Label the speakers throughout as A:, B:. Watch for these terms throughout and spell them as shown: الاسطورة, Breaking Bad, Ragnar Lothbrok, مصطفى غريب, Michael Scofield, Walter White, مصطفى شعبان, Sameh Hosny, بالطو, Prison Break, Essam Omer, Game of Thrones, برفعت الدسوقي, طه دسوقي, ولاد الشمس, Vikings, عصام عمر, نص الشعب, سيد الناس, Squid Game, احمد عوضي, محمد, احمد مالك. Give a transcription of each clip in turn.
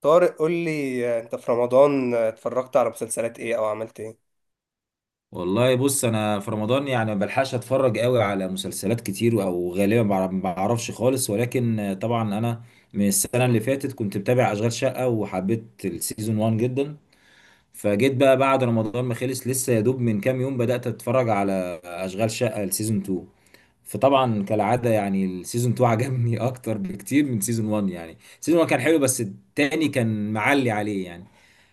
A: طارق قول لي، انت في رمضان اتفرجت على مسلسلات ايه او عملت ايه؟
B: والله، بص انا في رمضان يعني ما بلحقش اتفرج قوي على مسلسلات كتير او غالبا ما بعرفش خالص، ولكن طبعا انا من السنه اللي فاتت كنت متابع اشغال شقه وحبيت السيزون 1 جدا. فجيت بقى بعد رمضان ما خلص، لسه يا دوب من كام يوم بدات اتفرج على اشغال شقه السيزون 2. فطبعا كالعاده يعني السيزون 2 عجبني اكتر بكتير من سيزون 1، يعني سيزون 1 كان حلو بس التاني كان معلي عليه يعني.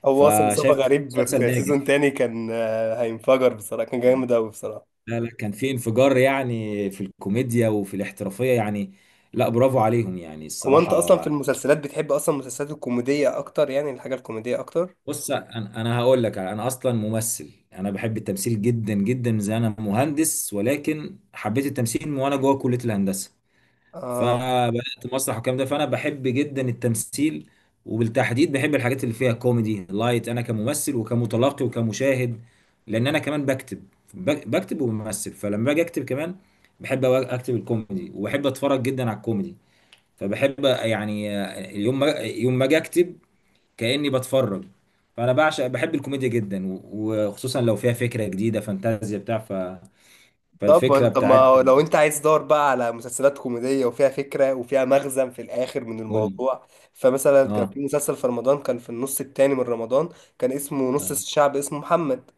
A: هو اصلا مصطفى
B: فشايف
A: غريب
B: مسلسل
A: في سيزون
B: ناجح.
A: تاني كان، هينفجر بصراحة، كان جامد اوي بصراحة.
B: لا لا، كان في انفجار يعني في الكوميديا وفي الاحترافية يعني. لا، برافو عليهم يعني
A: هو انت اصلا
B: الصراحة.
A: في المسلسلات بتحب اصلا المسلسلات الكوميدية اكتر، يعني الحاجة الكوميدية اكتر؟
B: بص، انا هقول لك انا اصلا ممثل، انا بحب التمثيل جدا جدا، زي انا مهندس ولكن حبيت التمثيل من وانا جوه كلية الهندسة.
A: آه،
B: فبدات مسرح والكلام ده، فانا بحب جدا التمثيل. وبالتحديد بحب الحاجات اللي فيها كوميدي لايت، انا كممثل وكمتلقي وكمشاهد، لان انا كمان بكتب. بكتب وبمثل، فلما باجي اكتب كمان بحب اكتب الكوميدي، وبحب اتفرج جدا على الكوميدي. فبحب يعني يوم ما اجي اكتب كاني بتفرج. فانا بعشق، بحب الكوميديا جدا وخصوصا لو فيها فكره جديده، فانتازيا بتاع
A: طب ما
B: فالفكره
A: انت
B: بتاعت.
A: ما لو انت عايز دور بقى على مسلسلات كوميدية وفيها فكرة وفيها مغزى في الاخر من
B: قول لي.
A: الموضوع، فمثلا كان
B: اه.
A: في مسلسل في رمضان، كان في النص التاني من رمضان، كان اسمه نص الشعب اسمه محمد.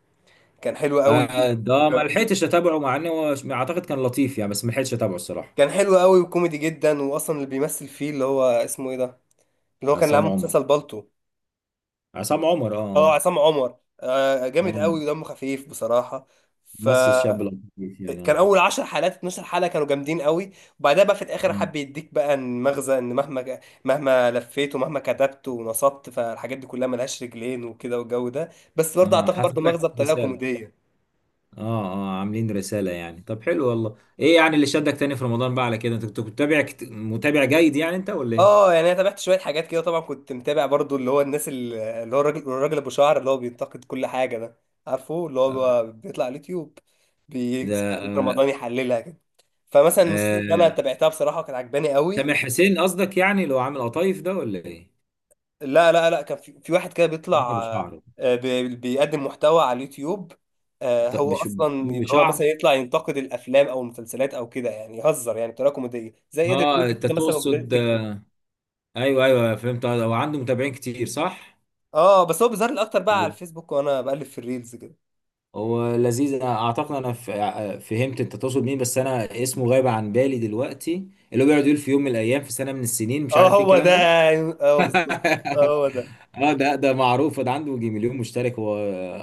A: كان حلو قوي،
B: ده ما لحقتش اتابعه، مع انه هو اعتقد كان لطيف يعني، بس ما لحقتش اتابعه الصراحه.
A: كان حلو قوي وكوميدي جدا، واصلا اللي بيمثل فيه اللي هو اسمه ايه ده، اللي هو كان اللي
B: عصام
A: عامل
B: عمر.
A: مسلسل بالطو.
B: عصام عمر،
A: اه،
B: اه.
A: عصام عمر، آه جامد
B: اه.
A: قوي ودمه خفيف بصراحه.
B: ممثل شاب
A: فكان
B: لطيف يعني، اه.
A: اول 10 حلقات 12 حلقه كانوا جامدين قوي، وبعدها بقى في الاخر
B: اه.
A: حب يديك بقى المغزى ان مهما لفيت ومهما كتبت ونصبت، فالحاجات دي كلها ملهاش رجلين وكده والجو ده. بس برضه اعتقد برضه
B: حاطط لك
A: مغزى بطريقه
B: رساله.
A: كوميديه.
B: اه اه، عاملين رساله يعني. طب حلو والله، ايه يعني اللي شدك تاني في رمضان بقى على كده؟ انت كنت متابع، متابع جيد يعني؟ انت ولا ايه؟
A: اه يعني انا تابعت شويه حاجات كده، طبعا كنت متابع برضو اللي هو اللي هو الراجل ابو شعر اللي هو بينتقد كل حاجه ده، عارفه اللي هو بيطلع على اليوتيوب،
B: ده.
A: بيمسك
B: آه.
A: رمضان يحللها كده. فمثلا المسلسل اللي انا
B: آه.
A: تابعتها بصراحه كانت عجباني قوي.
B: سامح حسين قصدك يعني، اللي هو عامل قطايف ده ولا ايه؟
A: لا، كان في واحد كده
B: مين
A: بيطلع،
B: ابو شعر
A: بيقدم محتوى على اليوتيوب.
B: ده؟
A: هو اصلا اللي هو مثلا
B: بشعر.
A: يطلع ينتقد الافلام او المسلسلات او كده، يعني يهزر يعني بطريقه كوميديه زي قدر
B: اه، انت
A: كده مثلا، وبدايه
B: تقصد.
A: التيك توك.
B: ايوه ايوه، فهمت. هو عنده متابعين كتير صح؟
A: اه بس هو بيظهر لي اكتر بقى على
B: لذ-
A: الفيسبوك وانا بقلب في الريلز كده.
B: هو لذيذ. انا اعتقد انا فهمت انت تقصد مين، بس انا اسمه غايب عن بالي دلوقتي. اللي هو بيقعد يقول في يوم من الايام في سنه من السنين، مش
A: اه
B: عارف ايه
A: هو ده
B: الكلام ده.
A: يعني، اه بالظبط. اه هو ده.
B: اه، ده معروف، ده عنده يجي 1,000,000 مشترك، هو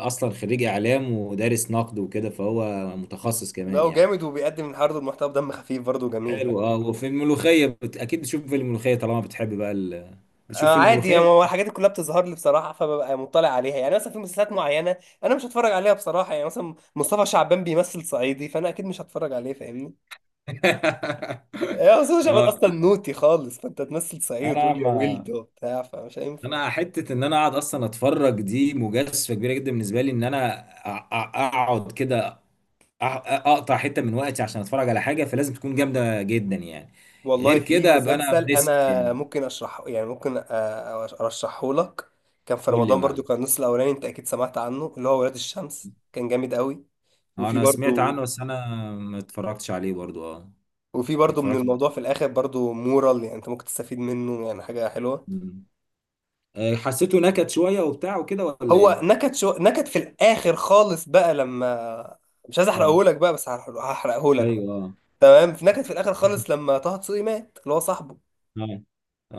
B: اصلا خريج اعلام ودارس نقد وكده، فهو متخصص
A: لا
B: كمان
A: هو
B: يعني.
A: جامد وبيقدم عرض محتوى بدم خفيف برضه جميل يعني.
B: حلو، اه. وفي الملوخيه اكيد بتشوف في الملوخيه طالما بتحب بقى بتشوف
A: آه
B: في
A: عادي
B: الملوخيه.
A: يعني، هو الحاجات دي كلها بتظهر لي بصراحه، فببقى مطلع عليها. يعني مثلا في مسلسلات معينه انا مش هتفرج عليها بصراحه، يعني مثلا مصطفى شعبان بيمثل صعيدي، فانا اكيد مش هتفرج عليه، فاهمني؟ يا مصطفى شعبان
B: اه.
A: اصلا نوتي خالص، فانت تمثل صعيدي وتقول
B: انا
A: لي يا
B: ما
A: ولد وبتاع، فمش هينفع.
B: انا حته ان انا اقعد اصلا اتفرج دي مجازفه كبيره جدا بالنسبه لي، ان انا اقعد كده، اقطع حته من وقتي عشان اتفرج على حاجه، فلازم تكون جامده جدا يعني.
A: والله
B: غير
A: في
B: كده ابقى انا
A: مسلسل
B: بريسك
A: انا
B: يعني.
A: ممكن اشرحه، يعني ارشحه لك. كان في
B: قول لي يا
A: رمضان برضو
B: معلم.
A: كان النص الاولاني، انت اكيد سمعت عنه، اللي هو ولاد الشمس، كان جامد قوي. وفي
B: انا سمعت
A: برضو
B: عنه، بس انا ما اتفرجتش عليه برضو، اه.
A: وفي
B: ما
A: برضو من
B: اتفرجتش.
A: الموضوع في الاخر برضو مورال، يعني انت ممكن تستفيد منه يعني حاجة حلوة.
B: مم. حسيته نكت شويه وبتاع وكده ولا
A: هو
B: ايه؟
A: نكت شو نكت في الاخر خالص بقى لما، مش عايز
B: اه.
A: احرقه لك بقى بس هحرقه لك.
B: ايوه اه.
A: تمام، في نكت في الاخر خالص لما طه دسوقي مات اللي هو صاحبه،
B: اه.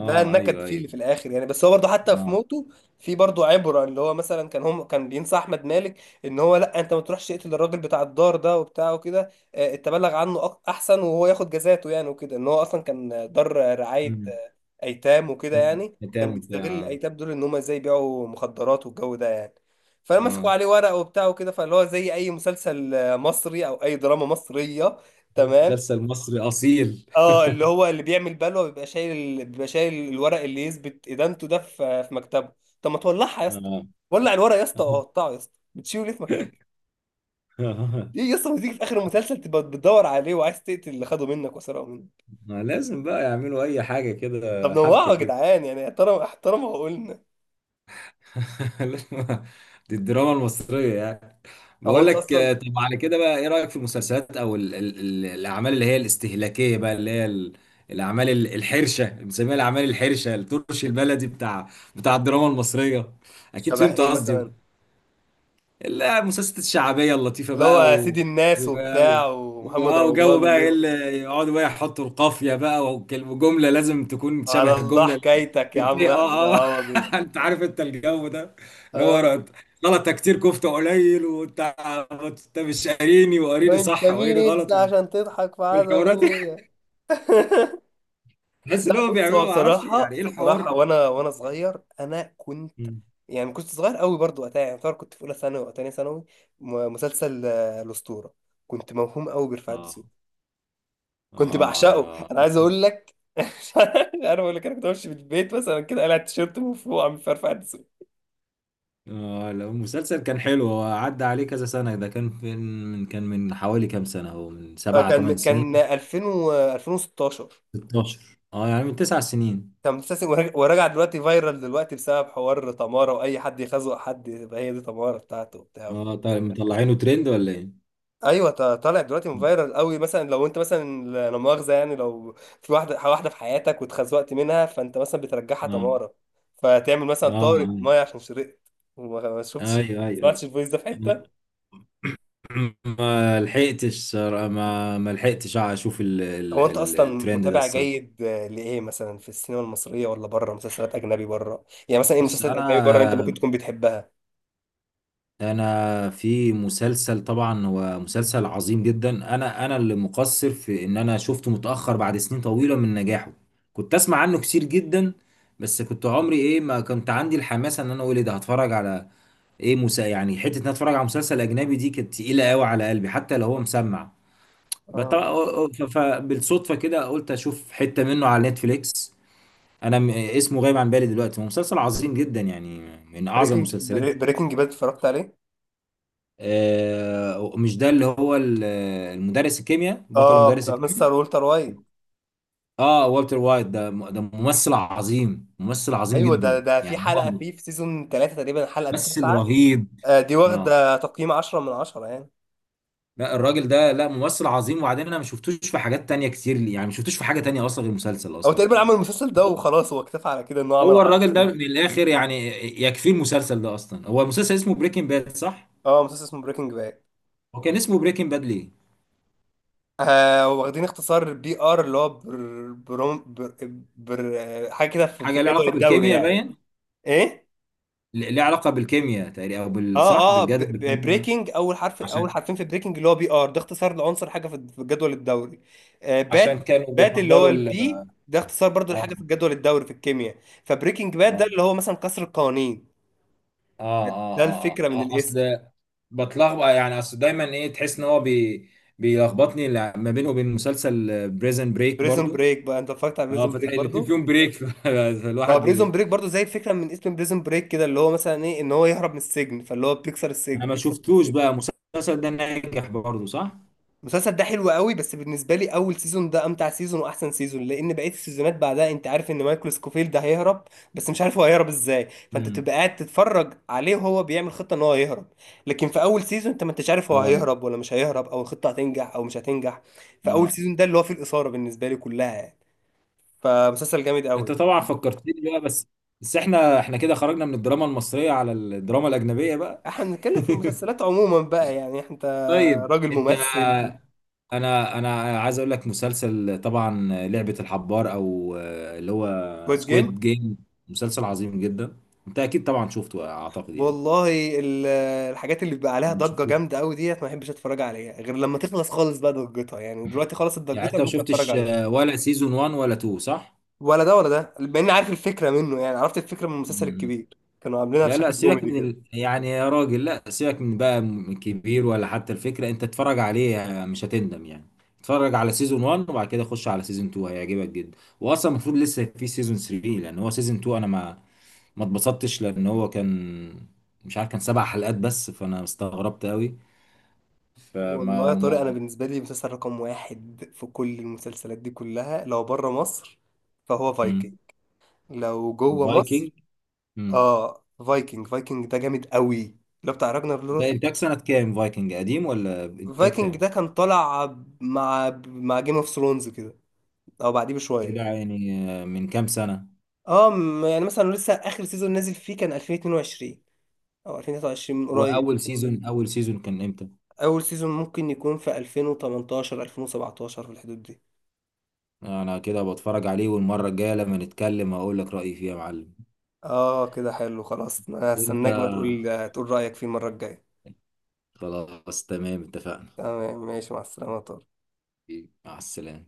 A: ده النكد
B: ايوه
A: فيه اللي في
B: ايوه.
A: الاخر يعني. بس هو برضه حتى في
B: اه.
A: موته في برضه عبره، اللي هو مثلا كان هم كان بينصح احمد مالك ان هو لا، انت ما تروحش تقتل الراجل بتاع الدار ده وبتاع وكده، احسن وهو ياخد جزاته يعني وكده، ان هو اصلا كان دار رعايه
B: مم.
A: ايتام وكده،
B: مم.
A: يعني
B: بتاع
A: كان
B: بتاع،
A: بيستغل
B: اه.
A: الايتام دول ان هم ازاي يبيعوا مخدرات والجو ده يعني. فمسكوا
B: آه.
A: عليه ورق وبتاع وكده، فاللي هو زي اي مسلسل مصري او اي دراما مصريه. تمام،
B: مسلسل مصري اصيل.
A: اه اللي هو اللي بيعمل بلوه بيبقى شايل الورق اللي يثبت ادانته ده في في مكتبه. طب ما تولعها يا اسطى،
B: آه.
A: ولع الورق يا اسطى وقطعه يا اسطى، بتشيله ليه في مكتبه؟
B: آه.
A: ايه يا اسطى، ما تيجي في اخر المسلسل تبقى بتدور عليه وعايز تقتل اللي خده منك وسرقه منك.
B: ما لازم بقى يعملوا اي حاجه
A: طب
B: كده،
A: نوعه
B: حبكه
A: يا
B: كده.
A: جدعان يعني، احترم احترم عقولنا.
B: لازم- دي الدراما المصريه يعني.
A: هو
B: بقول
A: انت
B: لك
A: اصلا
B: طب على كده بقى، ايه رايك في المسلسلات او ال الاعمال اللي هي الاستهلاكيه بقى، اللي هي الاعمال الحرشه، بنسميها الاعمال الحرشه، الترش البلدي، بتاع الدراما المصريه؟ اكيد
A: شبه
B: فهمت
A: ايه
B: قصدي.
A: مثلا؟
B: لا، مسلسلات الشعبيه اللطيفه
A: اللي
B: بقى
A: هو سيد
B: و...
A: الناس وبتاع ومحمد
B: وجو
A: رمضان
B: بقى، ايه
A: والناس دي.
B: اللي يقعدوا بقى يحطوا القافيه بقى، والكلمه جمله لازم تكون
A: على
B: شبه
A: الله
B: الجمله اللي
A: حكايتك يا عم احمد
B: اه اه.
A: عوضي.
B: انت عارف انت الجو ده، اللي هو
A: اه،
B: غلطه كتير كفته قليل وانت. انت مش قاريني، وقاريني
A: انت
B: صح
A: مين
B: وقاريني
A: انت
B: غلط
A: عشان تضحك في عاد
B: والحوارات دي.
A: ابويا؟
B: بحس
A: لا
B: ان هم
A: بص، هو
B: بيعملوا، ما اعرفش يعني
A: بصراحة
B: ايه الحوار.
A: صراحة وانا وانا صغير كنت،
B: مم.
A: يعني كنت صغير قوي برضو وقتها، يعني يعتبر كنت في اولى ثانوي او تانية ثانوي. مسلسل الاسطورة، كنت موهوم قوي برفعت
B: اه
A: الدسوقي، كنت
B: اه
A: بعشقه،
B: ايوه.
A: انا عايز اقول لك مش عارف اقول لك، انا كنت بمشي من البيت مثلا كده قلعت تيشيرت مفروع من فرفعة الدسوقي.
B: آه لا، المسلسل كان حلو، هو عدى عليه كذا سنة، ده كان في، من كان، من حوالي كام سنة، هو من
A: آه،
B: سبعة
A: كان
B: تمن سنين
A: كان 2000 و 2016.
B: 16، اه يعني من 9 سنين.
A: كان مسلسل، وراجع وراجع دلوقتي، فايرال دلوقتي بسبب حوار تمارة، واي حد يخزق حد يبقى هي دي تمارة بتاعته وبتاع.
B: اه، طيب مطلعينه ترند ولا ايه؟
A: ايوه، طالع دلوقتي فايرال قوي. مثلا لو انت مثلا لا مؤاخذه يعني، لو في واحده في حياتك واتخزوقت منها، فانت مثلا بترجعها
B: اه
A: تماره، فتعمل مثلا طارق
B: اه،
A: ميه عشان شرقت وما ما شفتش ما
B: اي اي اي.
A: سمعتش الفويس ده في
B: أنا
A: حته.
B: ما لحقتش صراحة- ما لحقتش اشوف
A: هو انت اصلا
B: الترند ده
A: متابع
B: الصراحة.
A: جيد، لايه مثلا في السينما المصريه ولا بره مسلسلات اجنبي بره؟ يعني مثلا ايه
B: بص،
A: مسلسلات اجنبي بره اللي انت ممكن
B: انا
A: تكون بتحبها؟
B: انا في مسلسل طبعا، هو مسلسل عظيم جدا، انا اللي مقصر في ان انا شفته متاخر بعد سنين طويله من نجاحه. كنت اسمع عنه كتير جدا، بس كنت عمري ايه ما كنت عندي الحماسه ان انا اقول ايه ده، هتفرج على ايه مسا يعني، حته ان أنا اتفرج على مسلسل اجنبي دي كانت تقيله قوي على قلبي حتى لو هو مسمع.
A: اه،
B: فبالصدفه كده قلت اشوف حته منه على نتفليكس. انا اسمه غايب عن بالي دلوقتي، هو مسلسل عظيم جدا يعني، من اعظم
A: بريكنج
B: المسلسلات.
A: بريكنج باد، اتفرجت عليه؟
B: مش ده اللي هو المدرس الكيمياء، بطل
A: اه
B: مدرس
A: بتاع
B: الكيمياء؟
A: مستر والتر وايت.
B: اه، والتر وايت، ده ممثل عظيم، ممثل عظيم
A: ايوه ده،
B: جدا
A: ده في
B: يعني
A: حلقه
B: هو.
A: فيه في سيزون ثلاثة تقريبا الحلقه
B: ممثل
A: التاسعه،
B: رهيب.
A: دي
B: اه،
A: واخدة تقييم 10 من 10 يعني.
B: لا الراجل ده، لا ممثل عظيم. وبعدين انا ما شفتوش في حاجات تانية كتير يعني، ما شفتوش في حاجة تانية اصلا غير المسلسل
A: هو
B: اصلا
A: تقريبا عمل
B: يعني.
A: المسلسل ده وخلاص، هو اكتفى على كده انه عمل
B: هو
A: 10
B: الراجل ده
A: يعني.
B: من الاخر يعني، يكفي المسلسل ده. اصلا هو المسلسل اسمه بريكنج باد صح؟
A: اه مسلسل اسمه بريكنج باد.
B: هو كان اسمه بريكنج باد ليه؟
A: آه، واخدين اختصار بي ار اللي هو بر بروم بر, بر آه، حاجة كده في في
B: حاجة ليها
A: جدول
B: علاقة
A: الدوري
B: بالكيمياء
A: يعني.
B: باين.
A: ايه؟
B: ليه علاقة بالكيمياء تقريبا، او بال، صح،
A: اه اه،
B: بالجدول الكيمياء.
A: بريكنج اول حرف، اول
B: عشان
A: حرفين في بريكنج اللي هو بي ار، ده اختصار لعنصر حاجة في في جدول الدوري. آه باد،
B: عشان كانوا
A: باد اللي هو
B: بيحضروا ال.
A: البي ده اختصار برضو لحاجة في
B: اه
A: الجدول الدوري في الكيمياء. فبريكنج باد
B: اه
A: ده اللي هو مثلا كسر القوانين،
B: اه
A: ده
B: اه، آه،
A: الفكرة من
B: آه.
A: الاسم.
B: اصل بتلخبط يعني، اصل دايما ايه؟ تحس ان هو بي بيلخبطني، ما بينه وبين مسلسل بريزن بريك
A: بريزون
B: برضو.
A: بريك بقى، انت اتفرجت على
B: اه،
A: بريزون
B: فتح
A: بريك
B: الاتنين
A: برضو؟
B: فيهم بريك.
A: ما
B: فالواحد
A: بريزون
B: بي-
A: بريك برضو زي الفكره من اسم بريزون بريك كده، اللي هو مثلا ايه ان هو يهرب من السجن، فاللي هو بيكسر
B: انا
A: السجن.
B: ما شفتوش بقى المسلسل ده، ناجح برضو صح؟
A: المسلسل ده حلو قوي، بس بالنسبه لي اول سيزون ده امتع سيزون واحسن سيزون، لان بقيه السيزونات بعدها انت عارف ان مايكل سكوفيلد ده هيهرب، بس مش عارف هو هيهرب ازاي، فانت
B: امم.
A: تبقى قاعد تتفرج عليه وهو بيعمل خطه ان هو هيهرب. لكن في اول سيزون انت ما انتش عارف هو
B: اه
A: هيهرب ولا مش هيهرب، او الخطه هتنجح او مش هتنجح، فاول
B: اه،
A: سيزون ده اللي هو فيه الاثاره بالنسبه لي كلها يعني. فمسلسل جامد قوي
B: انت
A: يعني.
B: طبعا فكرتني بقى، بس احنا كده خرجنا من الدراما المصرية على الدراما الأجنبية بقى.
A: احنا بنتكلم في المسلسلات عموما بقى يعني، انت
B: طيب،
A: راجل
B: انت.
A: ممثل.
B: انا عايز اقول لك، مسلسل طبعا لعبة الحبار، او اللي هو
A: كود جيم،
B: سكويد جيم، مسلسل عظيم جدا. انت اكيد طبعا شفته اعتقد يعني.
A: والله الحاجات اللي بيبقى عليها
B: ما
A: ضجة
B: شفتوش.
A: جامدة قوي ديت ما بحبش اتفرج عليها غير لما تخلص خالص بقى ضجتها، يعني دلوقتي خلصت
B: يعني
A: ضجتها
B: انت، ما
A: ممكن اتفرج
B: شفتش
A: عليها.
B: ولا سيزون 1 ولا 2 صح؟
A: ولا ده ولا ده، بما اني عارف الفكرة منه، يعني عرفت الفكرة من المسلسل
B: مم.
A: الكبير كانوا عاملينها
B: لا لا،
A: بشكل
B: سيبك
A: كوميدي
B: من
A: كده.
B: يعني يا راجل، لا سيبك من بقى، من كبير ولا حتى الفكرة، انت اتفرج عليه، مش هتندم يعني. اتفرج على سيزون 1، وبعد كده خش على سيزون 2، هيعجبك جدا. واصلا المفروض لسه في سيزون 3، لان هو سيزون 2 انا ما اتبسطتش، لان هو كان، مش عارف، كان 7 حلقات بس، فانا استغربت قوي.
A: والله يا
B: فما
A: طارق،
B: ما
A: انا بالنسبة لي مسلسل رقم واحد في كل المسلسلات دي كلها، لو بره مصر فهو فايكنج،
B: مم.
A: لو جوه
B: فايكنج.
A: مصر،
B: مم.
A: اه فايكنج. فايكنج ده جامد قوي، اللي هو بتاع راجنر
B: ده
A: لوث.
B: انتاج سنة كام؟ فايكنج قديم ولا انتاج
A: فايكنج
B: كام؟
A: ده كان طالع مع جيم اوف ثرونز كده او بعديه بشويه.
B: كده يعني. من كام سنة.
A: اه، يعني مثلا لسه اخر سيزون نازل فيه كان 2022 او 2023 من قريب.
B: واول سيزون، اول سيزون كان امتى؟
A: اول سيزون ممكن يكون في 2018 2017 في الحدود دي.
B: انا كده بتفرج عليه، والمرة الجاية لما نتكلم هقول لك رأيي فيه يا معلم.
A: اه كده حلو خلاص، انا
B: وانت.
A: هستناك بقى تقول رايك فيه المره الجايه.
B: خلاص، تمام، اتفقنا.
A: تمام ماشي، مع السلامه.
B: مع السلامة.